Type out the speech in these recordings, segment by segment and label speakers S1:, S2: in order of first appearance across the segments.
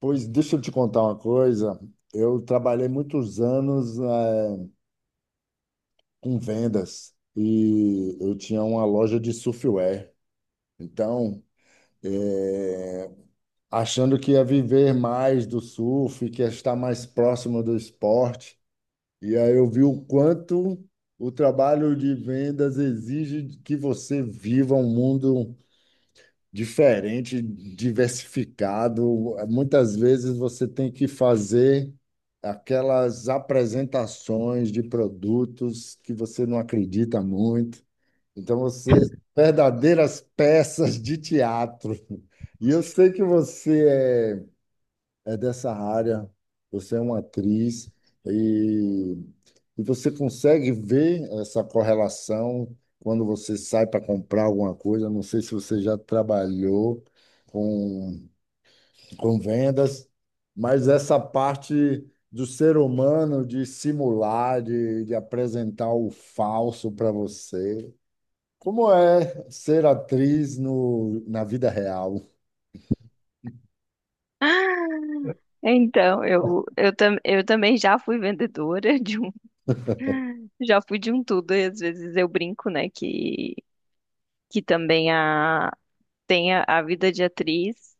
S1: Pois deixa eu te contar uma coisa. Eu trabalhei muitos anos com vendas e eu tinha uma loja de surfwear. Então, eh, Achando que ia viver mais do surf, que ia estar mais próximo do esporte. E aí eu vi o quanto o trabalho de vendas exige que você viva um mundo diferente, diversificado. Muitas vezes você tem que fazer aquelas apresentações de produtos que você não acredita muito. Então, você, verdadeiras peças de teatro. E eu sei que você é dessa área, você é uma atriz. E você consegue ver essa correlação quando você sai para comprar alguma coisa? Não sei se você já trabalhou com, com vendas, mas essa parte do ser humano de simular, de apresentar o falso para você. Como é ser atriz no, na vida real?
S2: Ah, então, eu também já fui vendedora já fui de um tudo, e às vezes eu brinco, né, que também tem a vida de atriz,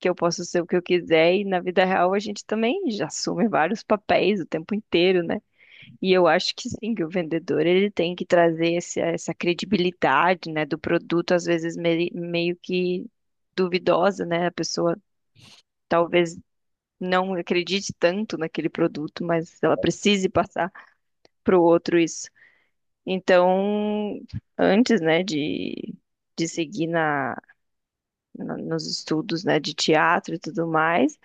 S2: que eu posso ser o que eu quiser, e na vida real a gente também já assume vários papéis o tempo inteiro, né? E eu acho que sim, que o vendedor ele tem que trazer essa credibilidade, né, do produto, às vezes meio que duvidosa, né? A pessoa talvez não acredite tanto naquele produto, mas ela precise passar para o outro isso. Então, antes, né, de seguir nos estudos, né, de teatro e tudo mais,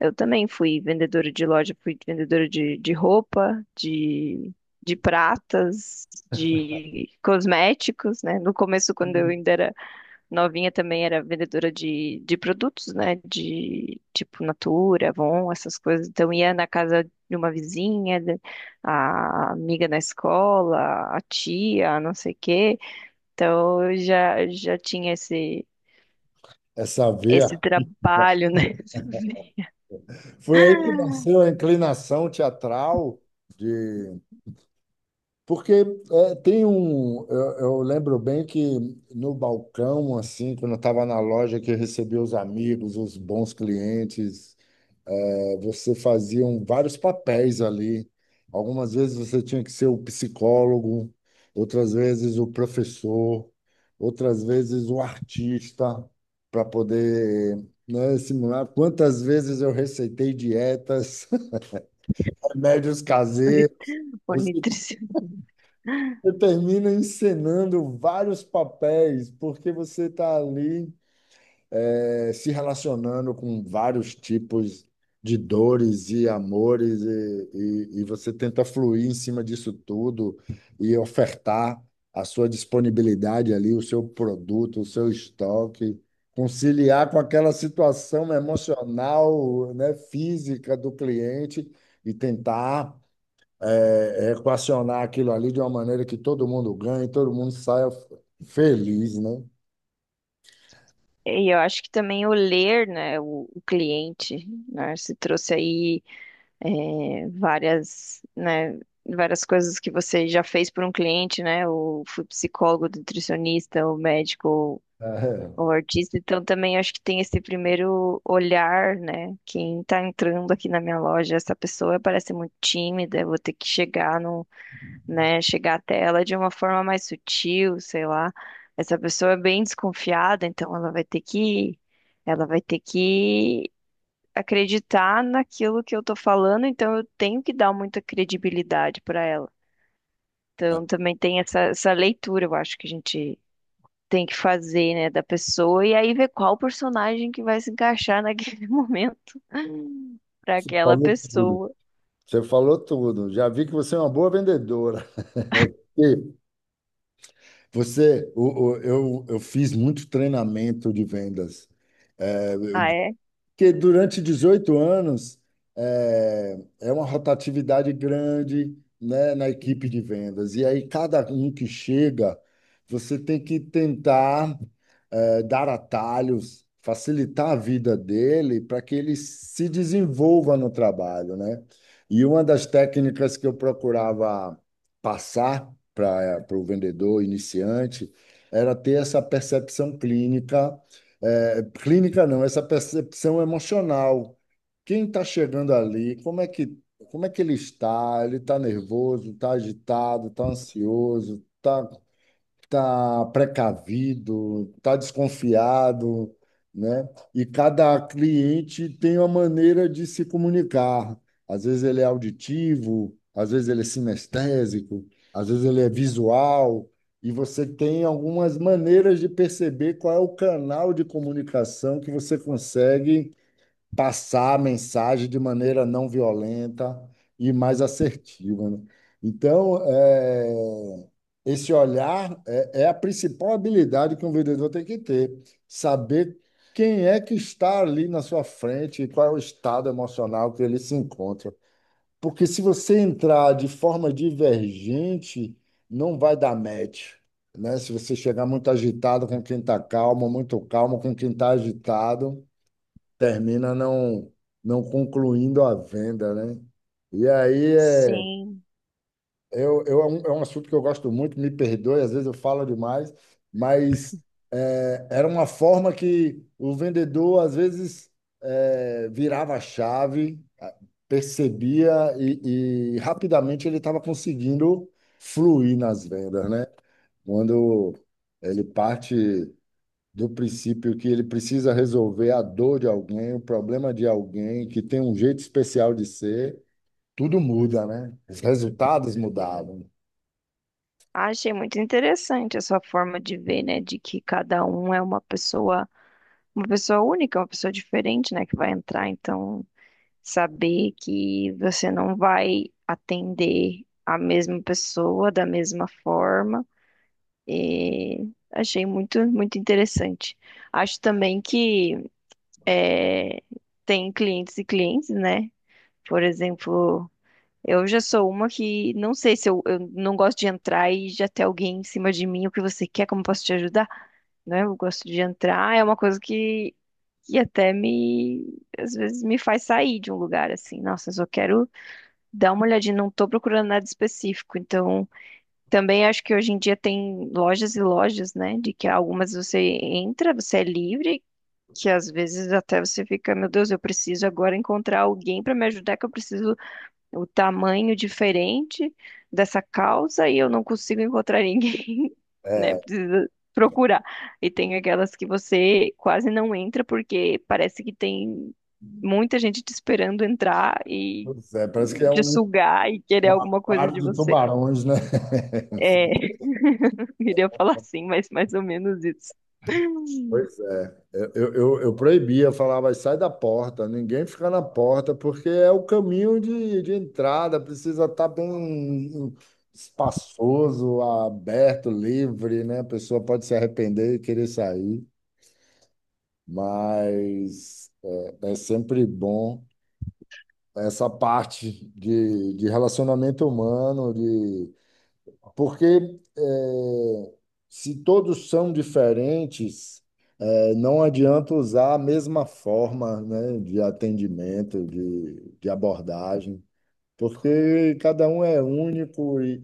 S2: eu também fui vendedora de loja, fui vendedora de roupa, de pratas, de cosméticos, né? No começo, quando eu ainda era novinha também era vendedora de produtos, né? De tipo Natura, Avon, essas coisas. Então ia na casa de uma vizinha, a amiga na escola, a tia, não sei o quê. Então eu já tinha
S1: É saber.
S2: esse trabalho, né? essa veia
S1: Foi aí que nasceu a inclinação teatral de porque é, tem um. Eu lembro bem que no balcão, assim, quando eu estava na loja que recebia os amigos, os bons clientes, você fazia vários papéis ali. Algumas vezes você tinha que ser o psicólogo, outras vezes o professor, outras vezes o artista, para poder, né, simular. Quantas vezes eu receitei dietas, remédios caseiros.
S2: por
S1: Você
S2: nutricionista.
S1: Você termina encenando vários papéis, porque você está ali se relacionando com vários tipos de dores e amores, e, e você tenta fluir em cima disso tudo e ofertar a sua disponibilidade ali, o seu produto, o seu estoque, conciliar com aquela situação emocional, né, física do cliente e tentar equacionar aquilo ali de uma maneira que todo mundo ganhe, todo mundo saia feliz, né?
S2: E eu acho que também o ler, né, o cliente, né, se trouxe aí é, várias, né, várias coisas que você já fez por um cliente, né? Ou foi psicólogo, nutricionista, ou médico,
S1: É,
S2: ou, artista. Então também acho que tem esse primeiro olhar, né? Quem tá entrando aqui na minha loja, essa pessoa parece muito tímida, eu vou ter que chegar no, né, chegar até ela de uma forma mais sutil, sei lá. Essa pessoa é bem desconfiada, então ela vai ter que acreditar naquilo que eu tô falando, então eu tenho que dar muita credibilidade para ela. Então também tem essa leitura, eu acho que a gente tem que fazer, né, da pessoa e aí ver qual personagem que vai se encaixar naquele momento para
S1: você
S2: aquela
S1: falou tudo.
S2: pessoa.
S1: Você falou tudo. Já vi que você é uma boa vendedora. E você, eu fiz muito treinamento de vendas.
S2: Ah, é?
S1: Porque durante 18 anos é uma rotatividade grande, né, na equipe de vendas. E aí, cada um que chega, você tem que tentar dar atalhos, facilitar a vida dele para que ele se desenvolva no trabalho, né? E uma das técnicas que eu procurava passar para o vendedor iniciante era ter essa percepção clínica clínica não, essa percepção emocional. Quem está chegando ali, como é que ele está? Ele está nervoso, está agitado, está ansioso, está tá precavido, tá desconfiado, né? E cada cliente tem uma maneira de se comunicar. Às vezes ele é auditivo, às vezes ele é sinestésico, às vezes ele é visual, e você tem algumas maneiras de perceber qual é o canal de comunicação que você consegue passar a mensagem de maneira não violenta e mais assertiva, né? Então, é, Esse olhar é a principal habilidade que um vendedor tem que ter, saber quem é que está ali na sua frente e qual é o estado emocional que ele se encontra. Porque se você entrar de forma divergente, não vai dar match. Né? Se você chegar muito agitado com quem está calmo, muito calmo com quem está agitado, termina não, não concluindo a venda, né? E aí
S2: Sim.
S1: é um assunto que eu gosto muito, me perdoe, às vezes eu falo demais, mas era uma forma que o vendedor, às vezes, virava a chave, percebia e rapidamente ele estava conseguindo fluir nas vendas, né? Quando ele parte do princípio que ele precisa resolver a dor de alguém, o problema de alguém, que tem um jeito especial de ser, tudo muda, né? Os resultados mudaram.
S2: Ah, achei muito interessante essa forma de ver, né, de que cada um é uma pessoa única, uma pessoa diferente, né, que vai entrar, então saber que você não vai atender a mesma pessoa da mesma forma. E achei muito, muito interessante. Acho também que é, tem clientes e clientes, né? Por exemplo, eu já sou uma que não sei se eu não gosto de entrar e já ter alguém em cima de mim, o que você quer, como eu posso te ajudar? Né? Eu gosto de entrar, é uma coisa que até me, às vezes me faz sair de um lugar assim. Nossa, eu só quero dá uma olhadinha, não tô procurando nada específico. Então, também acho que hoje em dia tem lojas e lojas, né? De que algumas você entra, você é livre, que às vezes até você fica, meu Deus, eu preciso agora encontrar alguém para me ajudar, que eu preciso o tamanho diferente dessa causa e eu não consigo encontrar ninguém, né?
S1: É,
S2: Precisa procurar. E tem aquelas que você quase não entra porque parece que tem muita gente te esperando entrar
S1: pois é, parece que
S2: e
S1: é
S2: te
S1: um,
S2: sugar e querer
S1: um
S2: alguma coisa
S1: aquário
S2: de
S1: de
S2: você.
S1: tubarões, né?
S2: É, queria falar assim, mas mais ou menos isso.
S1: Pois é, eu proibia, falava, sai da porta, ninguém fica na porta, porque é o caminho de entrada, precisa estar bem espaçoso, aberto, livre, né? A pessoa pode se arrepender e querer sair. Mas é sempre bom essa parte de relacionamento humano, de porque é, se todos são diferentes, não adianta usar a mesma forma, né, de atendimento, de abordagem, porque cada um é único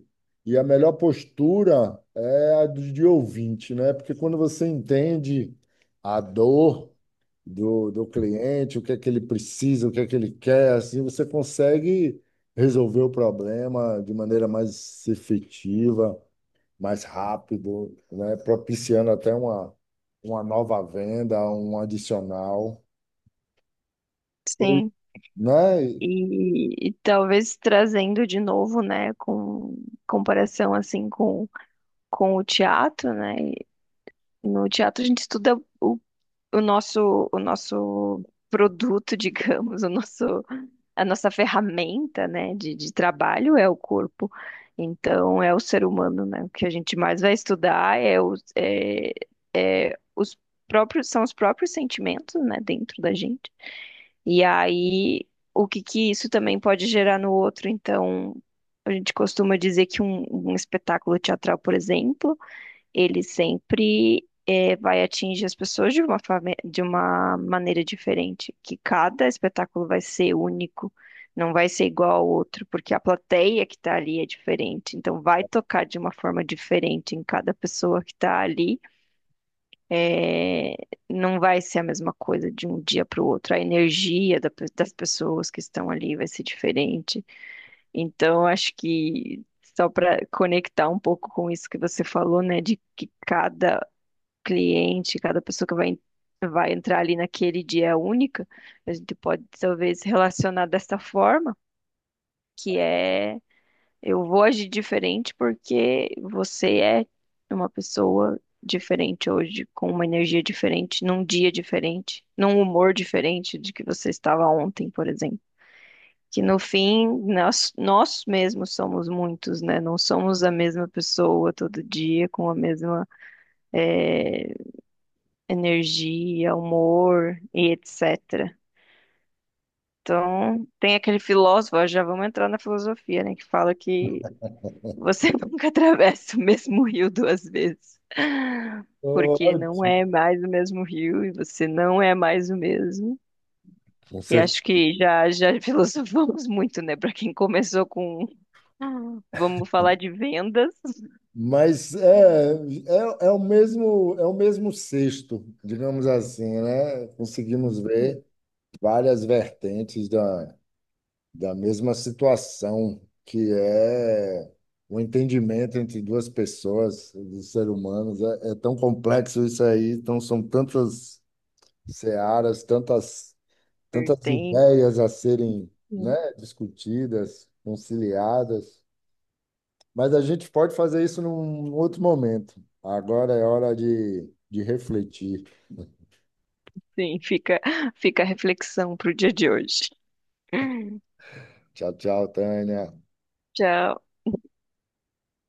S1: e e a melhor postura é a de ouvinte, né? Porque quando você entende a dor do cliente, o que é que ele precisa, o que é que ele quer, assim você consegue resolver o problema de maneira mais efetiva, mais rápido, né? Propiciando até uma nova venda, um adicional, foi,
S2: Sim.
S1: né?
S2: E talvez trazendo de novo, né, com comparação assim com o teatro, né? E no teatro a gente estuda o nosso produto, digamos, o nosso, a nossa ferramenta, né, de trabalho é o corpo. Então, é o ser humano, né? O que a gente mais vai estudar é é os próprios, são os próprios sentimentos, né, dentro da gente. E aí, o que que isso também pode gerar no outro? Então, a gente costuma dizer que um espetáculo teatral, por exemplo, ele sempre vai atingir as pessoas de de uma maneira diferente, que cada espetáculo vai ser único, não vai ser igual ao outro, porque a plateia que está ali é diferente, então vai tocar de uma forma diferente em cada pessoa que está ali, eh, não vai ser a mesma coisa de um dia para o outro, a energia das pessoas que estão ali vai ser diferente, então acho que só para conectar um pouco com isso que você falou, né, de que cada cliente, cada pessoa que vai entrar ali naquele dia é única, a gente pode talvez relacionar dessa forma, que é eu vou agir diferente porque você é uma pessoa diferente hoje, com uma energia diferente, num dia diferente, num humor diferente de que você estava ontem, por exemplo. Que no fim, nós mesmos somos muitos, né? Não somos a mesma pessoa todo dia, com a mesma energia, humor e etc. Então, tem aquele filósofo, já vamos entrar na filosofia, né, que fala que você nunca atravessa o mesmo rio duas vezes, porque não
S1: Ótimo.
S2: é mais o mesmo rio e você não é mais o mesmo. E
S1: Você-
S2: acho que já filosofamos muito, né, para quem começou com vamos falar de vendas,
S1: mas é, é o mesmo cesto, digamos assim, né? Conseguimos ver várias vertentes da, da mesma situação, que é o entendimento entre duas pessoas, dos seres humanos. É, é tão complexo isso aí, então são tantas searas, tantas, tantas
S2: vertente,
S1: ideias a serem, né, discutidas, conciliadas. Mas a gente pode fazer isso num outro momento. Agora é hora de refletir.
S2: sim, fica a reflexão para o dia de hoje.
S1: Tchau, tchau, Tânia.
S2: Tchau.